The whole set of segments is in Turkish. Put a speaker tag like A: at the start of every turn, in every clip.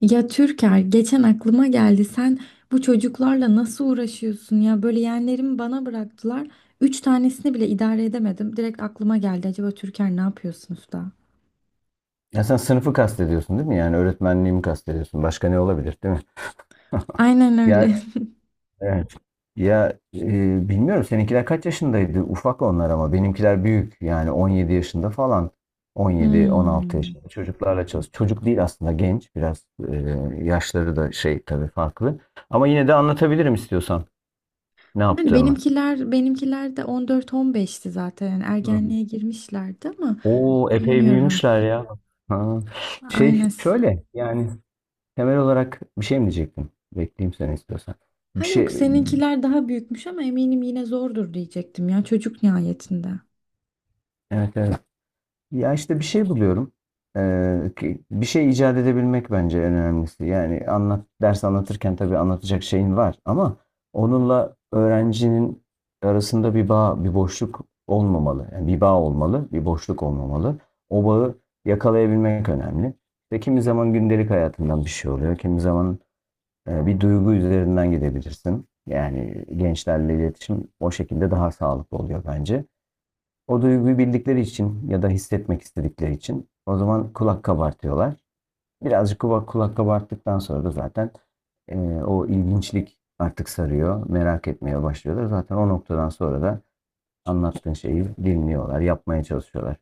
A: Ya Türker geçen aklıma geldi sen bu çocuklarla nasıl uğraşıyorsun ya böyle yeğenlerimi bana bıraktılar. Üç tanesini bile idare edemedim. Direkt aklıma geldi acaba Türker ne yapıyorsunuz da?
B: Ya sen sınıfı kastediyorsun, değil mi? Yani öğretmenliğimi kastediyorsun. Başka ne olabilir, değil mi?
A: Aynen öyle.
B: Ya, evet. Ya, bilmiyorum, seninkiler kaç yaşındaydı? Ufak onlar ama benimkiler büyük. Yani 17 yaşında falan. 17-16
A: Hmm.
B: yaşında çocuklarla çalış. Çocuk değil aslında, genç. Biraz yaşları da şey tabii farklı. Ama yine de anlatabilirim, istiyorsan ne
A: Yani
B: yaptığımı.
A: benimkiler de 14-15'ti zaten yani
B: Hı.
A: ergenliğe girmişlerdi ama
B: Oo, epey
A: bilmiyorum.
B: büyümüşler ya. Ha. Şey,
A: Aynen.
B: şöyle yani. Temel olarak bir şey mi diyecektim? Bekleyeyim, seni istiyorsan.
A: Ha
B: Bir
A: yok
B: şey.
A: seninkiler daha büyükmüş ama eminim yine zordur diyecektim ya çocuk nihayetinde.
B: Evet, evet. Ya, işte bir şey buluyorum. Bir şey icat edebilmek bence en önemlisi. Yani ders anlatırken tabii anlatacak şeyin var ama onunla öğrencinin arasında bir bağ, bir boşluk olmamalı. Yani bir bağ olmalı, bir boşluk olmamalı. O bağı yakalayabilmek önemli. İşte kimi zaman gündelik hayatından bir şey oluyor, kimi zaman bir duygu üzerinden gidebilirsin. Yani gençlerle iletişim o şekilde daha sağlıklı oluyor bence. O duyguyu bildikleri için ya da hissetmek istedikleri için o zaman kulak kabartıyorlar. Birazcık kulak kabarttıktan sonra da zaten o ilginçlik artık sarıyor. Merak etmeye başlıyorlar. Zaten o noktadan sonra da anlattığın şeyi dinliyorlar, yapmaya çalışıyorlar.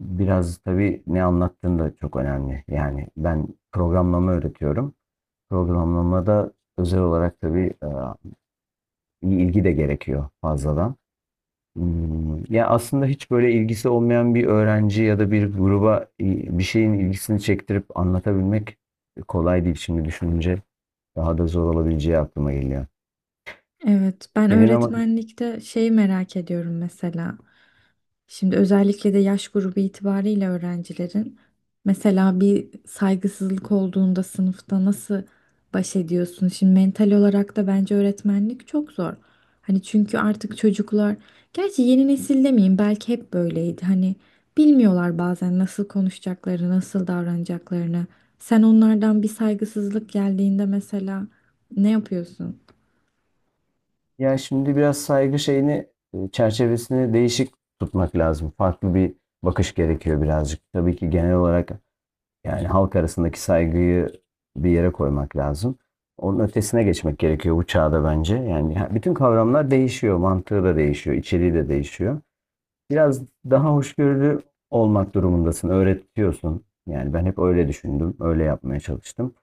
B: Biraz tabii ne anlattığın da çok önemli. Yani ben programlama öğretiyorum. Programlamada özel olarak tabii iyi ilgi de gerekiyor fazladan. Ya, aslında hiç böyle ilgisi olmayan bir öğrenci ya da bir gruba bir şeyin ilgisini çektirip anlatabilmek kolay değil. Şimdi düşününce daha da zor olabileceği aklıma geliyor.
A: Evet, ben
B: Senin ama.
A: öğretmenlikte şeyi merak ediyorum mesela. Şimdi özellikle de yaş grubu itibariyle öğrencilerin mesela bir saygısızlık olduğunda sınıfta nasıl baş ediyorsun? Şimdi mental olarak da bence öğretmenlik çok zor. Hani çünkü artık çocuklar, gerçi yeni nesil demeyeyim belki hep böyleydi. Hani bilmiyorlar bazen nasıl konuşacaklarını, nasıl davranacaklarını. Sen onlardan bir saygısızlık geldiğinde mesela ne yapıyorsun?
B: Ya şimdi biraz saygı şeyini, çerçevesini değişik tutmak lazım. Farklı bir bakış gerekiyor birazcık. Tabii ki genel olarak, yani halk arasındaki saygıyı bir yere koymak lazım. Onun ötesine geçmek gerekiyor bu çağda bence. Yani bütün kavramlar değişiyor, mantığı da değişiyor, içeriği de değişiyor. Biraz daha hoşgörülü olmak durumundasın, öğretiyorsun. Yani ben hep öyle düşündüm, öyle yapmaya çalıştım.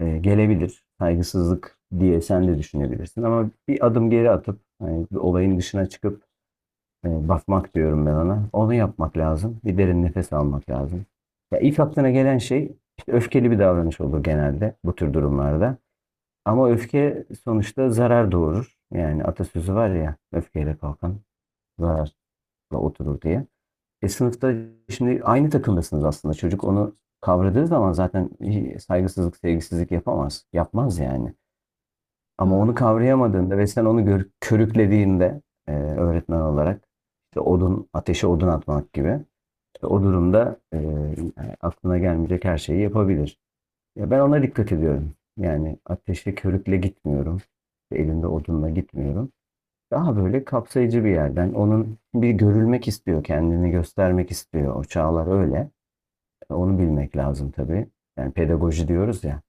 B: Gelebilir, saygısızlık diye sen de düşünebilirsin ama bir adım geri atıp, yani olayın dışına çıkıp bakmak diyorum ben ona. Onu yapmak lazım. Bir derin nefes almak lazım. Ya ilk aklına gelen şey işte öfkeli bir davranış olur, genelde bu tür durumlarda. Ama öfke sonuçta zarar doğurur. Yani atasözü var ya, öfkeyle kalkan zararla oturur diye. Sınıfta şimdi aynı takımdasınız aslında. Çocuk onu kavradığı zaman zaten saygısızlık, sevgisizlik yapamaz. Yapmaz yani. Ama onu
A: Doğru.
B: kavrayamadığında ve sen onu körüklediğinde öğretmen olarak işte odun, ateşe odun atmak gibi, işte o durumda aklına gelmeyecek her şeyi yapabilir. Ya, ben ona dikkat ediyorum. Yani ateşe körükle gitmiyorum. İşte elimde odunla gitmiyorum. Daha böyle kapsayıcı bir yerden. Onun bir görülmek istiyor, kendini göstermek istiyor. O çağlar öyle. Onu bilmek lazım tabii. Yani pedagoji diyoruz ya.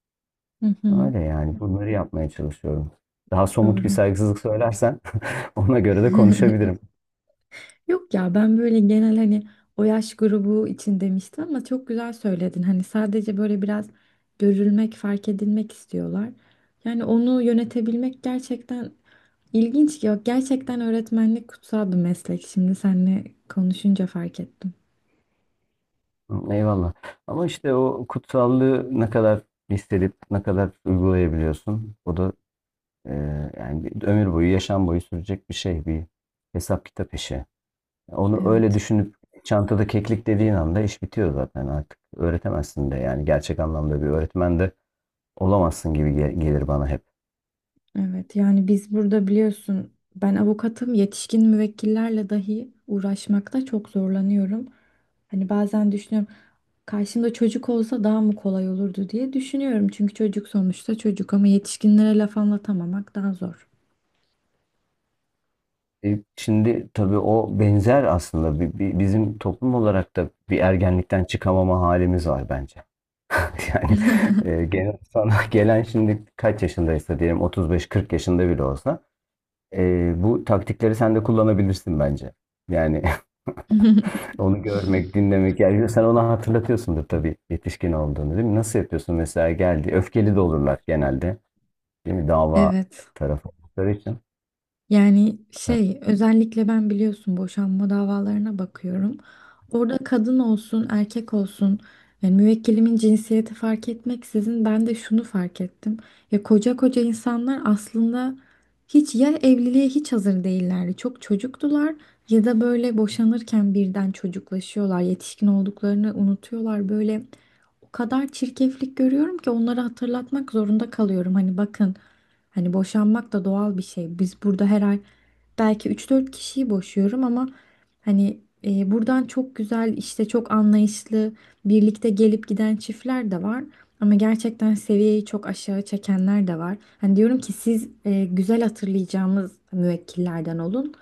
A: Hı hı.
B: Öyle yani, bunları yapmaya çalışıyorum. Daha somut bir
A: Doğru.
B: saygısızlık söylersen ona göre de konuşabilirim.
A: Yok ya ben böyle genel hani o yaş grubu için demiştim ama çok güzel söyledin. Hani sadece böyle biraz görülmek, fark edilmek istiyorlar. Yani onu yönetebilmek gerçekten ilginç. Yok gerçekten öğretmenlik kutsal bir meslek. Şimdi seninle konuşunca fark ettim.
B: Eyvallah. Ama işte o kutsallığı ne kadar hissedip ne kadar uygulayabiliyorsun. O da e, yani bir ömür boyu, yaşam boyu sürecek bir şey, bir hesap kitap işi. Onu öyle
A: Evet.
B: düşünüp çantada keklik dediğin anda iş bitiyor zaten artık. Öğretemezsin de, yani gerçek anlamda bir öğretmen de olamazsın gibi gelir bana hep.
A: Evet yani biz burada biliyorsun ben avukatım yetişkin müvekkillerle dahi uğraşmakta çok zorlanıyorum. Hani bazen düşünüyorum karşımda çocuk olsa daha mı kolay olurdu diye düşünüyorum. Çünkü çocuk sonuçta çocuk ama yetişkinlere laf anlatamamak daha zor.
B: Şimdi tabii o benzer aslında, bizim toplum olarak da bir ergenlikten çıkamama halimiz var bence. Yani gene sana gelen, şimdi kaç yaşındaysa, diyelim 35-40 yaşında bile olsa bu taktikleri sen de kullanabilirsin bence. Yani onu görmek, dinlemek. Yani sen ona hatırlatıyorsundur tabii yetişkin olduğunu, değil mi? Nasıl yapıyorsun mesela, geldi. Öfkeli de olurlar genelde. Değil mi? Dava
A: Evet.
B: tarafı oldukları için.
A: Yani şey özellikle ben biliyorsun boşanma davalarına bakıyorum. Orada kadın olsun erkek olsun yani müvekkilimin cinsiyeti fark etmeksizin ben de şunu fark ettim. Ya koca koca insanlar aslında hiç ya evliliğe hiç hazır değillerdi. Çok çocuktular ya da böyle boşanırken birden çocuklaşıyorlar. Yetişkin olduklarını unutuyorlar. Böyle o kadar çirkeflik görüyorum ki onları hatırlatmak zorunda kalıyorum. Hani bakın, hani boşanmak da doğal bir şey. Biz burada her ay belki üç dört kişiyi boşuyorum ama hani buradan çok güzel işte çok anlayışlı birlikte gelip giden çiftler de var. Ama gerçekten seviyeyi çok aşağı çekenler de var. Hani diyorum ki siz güzel hatırlayacağımız müvekkillerden olun.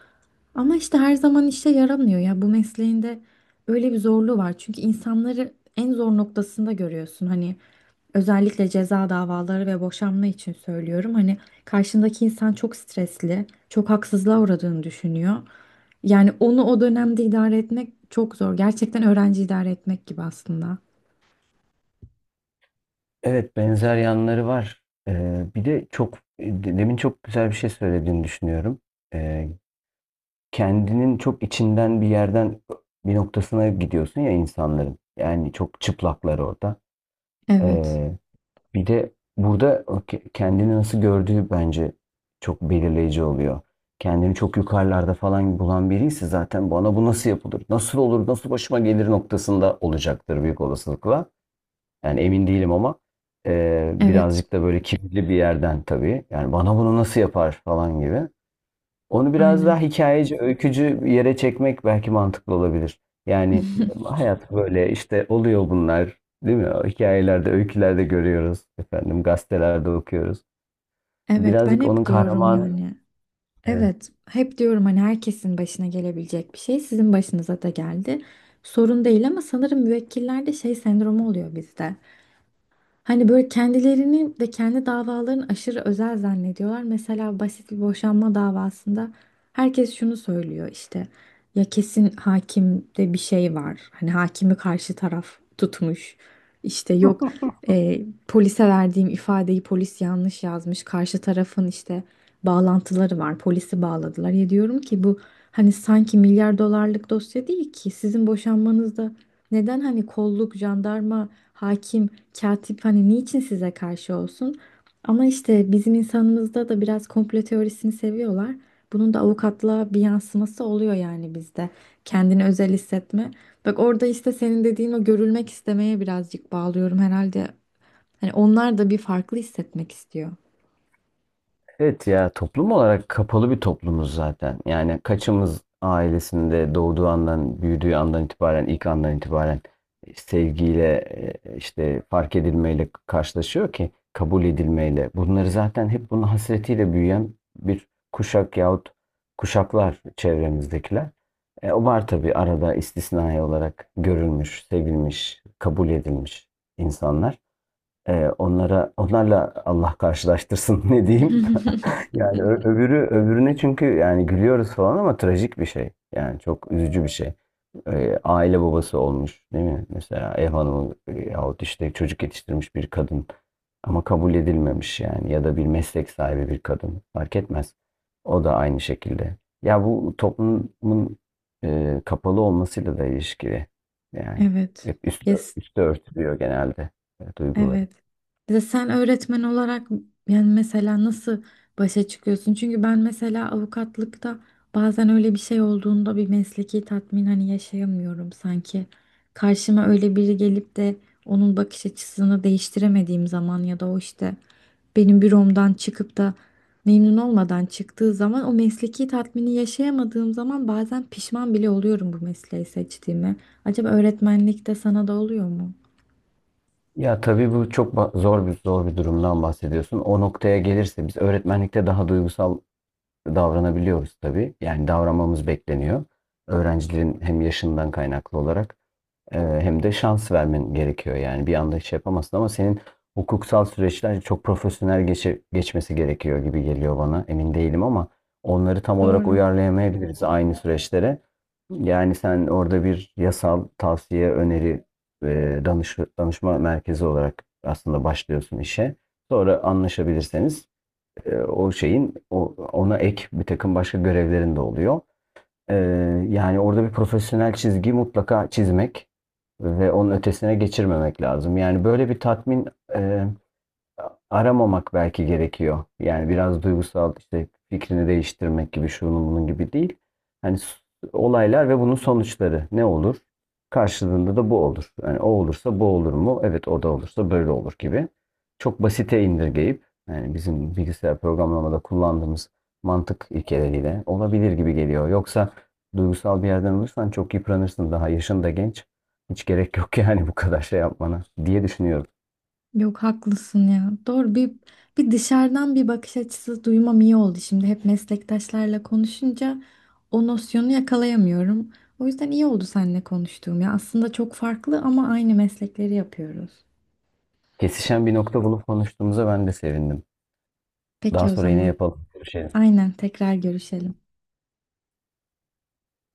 A: Ama işte her zaman işe yaramıyor ya. Bu mesleğin de öyle bir zorluğu var. Çünkü insanları en zor noktasında görüyorsun. Hani özellikle ceza davaları ve boşanma için söylüyorum. Hani karşındaki insan çok stresli, çok haksızlığa uğradığını düşünüyor. Yani onu o dönemde idare etmek çok zor. Gerçekten öğrenci idare etmek gibi aslında.
B: Evet, benzer yanları var. Bir de çok demin çok güzel bir şey söylediğini düşünüyorum. Eee, Kendinin çok içinden bir yerden bir noktasına gidiyorsun ya insanların. Yani çok çıplaklar orada.
A: Evet,
B: Eee, Bir de burada o kendini nasıl gördüğü bence çok belirleyici oluyor. Kendini çok yukarılarda falan bulan biriyse zaten bana bu nasıl yapılır, nasıl olur, nasıl başıma gelir noktasında olacaktır büyük olasılıkla. Yani emin değilim ama
A: evet,
B: birazcık da böyle kibirli bir yerden tabii. Yani bana bunu nasıl yapar falan gibi. Onu biraz
A: aynen.
B: daha hikayeci, öykücü bir yere çekmek belki mantıklı olabilir. Yani hayat böyle işte, oluyor bunlar, değil mi? O hikayelerde, öykülerde görüyoruz efendim, gazetelerde okuyoruz.
A: Evet, ben
B: Birazcık onun
A: hep diyorum
B: kahramanı.
A: yani. Evet, hep diyorum hani herkesin başına gelebilecek bir şey sizin başınıza da geldi. Sorun değil ama sanırım müvekkillerde şey sendromu oluyor bizde. Hani böyle kendilerini ve kendi davalarını aşırı özel zannediyorlar. Mesela basit bir boşanma davasında herkes şunu söylüyor işte ya kesin hakimde bir şey var. Hani hakimi karşı taraf tutmuş. İşte yok, e, polise verdiğim ifadeyi polis yanlış yazmış. Karşı tarafın işte bağlantıları var. Polisi bağladılar. Ya diyorum ki bu hani sanki milyar dolarlık dosya değil ki sizin boşanmanızda neden hani kolluk, jandarma, hakim, katip hani niçin size karşı olsun? Ama işte bizim insanımızda da biraz komplo teorisini seviyorlar. Bunun da avukatlığa bir yansıması oluyor yani bizde. Kendini özel hissetme. Bak orada işte senin dediğin o görülmek istemeye birazcık bağlıyorum herhalde. Hani onlar da bir farklı hissetmek istiyor.
B: Evet, ya toplum olarak kapalı bir toplumuz zaten. Yani kaçımız ailesinde doğduğu andan, büyüdüğü andan itibaren, ilk andan itibaren sevgiyle, işte fark edilmeyle karşılaşıyor ki kabul edilmeyle. Bunları zaten hep bunun hasretiyle büyüyen bir kuşak yahut kuşaklar çevremizdekiler. O var tabii, arada istisnai olarak görülmüş, sevilmiş, kabul edilmiş insanlar. Onlara Onlarla Allah karşılaştırsın, ne diyeyim? Yani öbürü öbürüne, çünkü yani gülüyoruz falan ama trajik bir şey. Yani çok üzücü bir şey. Aile babası olmuş, değil mi? Mesela ev hanımı yahut işte çocuk yetiştirmiş bir kadın ama kabul edilmemiş yani, ya da bir meslek sahibi bir kadın, fark etmez. O da aynı şekilde. Ya bu toplumun kapalı olmasıyla da ilişkili. Yani
A: Evet.
B: hep
A: Yes.
B: üstü örtülüyor genelde duyguları.
A: Evet. Ya de sen öğretmen olarak yani mesela nasıl başa çıkıyorsun? Çünkü ben mesela avukatlıkta bazen öyle bir şey olduğunda bir mesleki tatmin hani yaşayamıyorum sanki. Karşıma öyle biri gelip de onun bakış açısını değiştiremediğim zaman ya da o işte benim büromdan çıkıp da memnun olmadan çıktığı zaman o mesleki tatmini yaşayamadığım zaman bazen pişman bile oluyorum bu mesleği seçtiğime. Acaba öğretmenlikte sana da oluyor mu?
B: Ya tabii bu çok zor bir durumdan bahsediyorsun. O noktaya gelirse biz öğretmenlikte daha duygusal davranabiliyoruz tabii. Yani davranmamız bekleniyor. Öğrencilerin hem yaşından kaynaklı olarak, hem de şans vermen gerekiyor, yani bir anda şey yapamazsın ama senin hukuksal süreçler çok profesyonel geçmesi gerekiyor gibi geliyor bana. Emin değilim ama onları tam olarak
A: Doğru.
B: uyarlayamayabiliriz aynı süreçlere. Yani sen orada bir yasal tavsiye, öneri, danışma merkezi olarak aslında başlıyorsun işe. Sonra anlaşabilirseniz ona ek bir takım başka görevlerin de oluyor. Ee, Yani orada bir profesyonel çizgi mutlaka çizmek ve onun ötesine geçirmemek lazım. Yani böyle bir tatmin e, aramamak belki gerekiyor. Yani biraz duygusal işte, fikrini değiştirmek gibi, şunun bunun gibi değil. Hani olaylar ve bunun sonuçları ne olur? Karşılığında da bu olur. Yani o olursa bu olur mu? Evet, o da olursa böyle olur gibi. Çok basite indirgeyip, yani bizim bilgisayar programlamada kullandığımız mantık ilkeleriyle olabilir gibi geliyor. Yoksa duygusal bir yerden olursan çok yıpranırsın. Daha yaşın da genç. Hiç gerek yok yani bu kadar şey yapmana, diye düşünüyorum.
A: Yok haklısın ya. Doğru, bir dışarıdan bir bakış açısı duymam iyi oldu. Şimdi hep meslektaşlarla konuşunca o nosyonu yakalayamıyorum. O yüzden iyi oldu seninle konuştuğum ya. Aslında çok farklı ama aynı meslekleri yapıyoruz.
B: Kesişen bir nokta bulup konuştuğumuza ben de sevindim.
A: Peki
B: Daha
A: o
B: sonra yine
A: zaman.
B: yapalım, görüşelim.
A: Aynen tekrar görüşelim.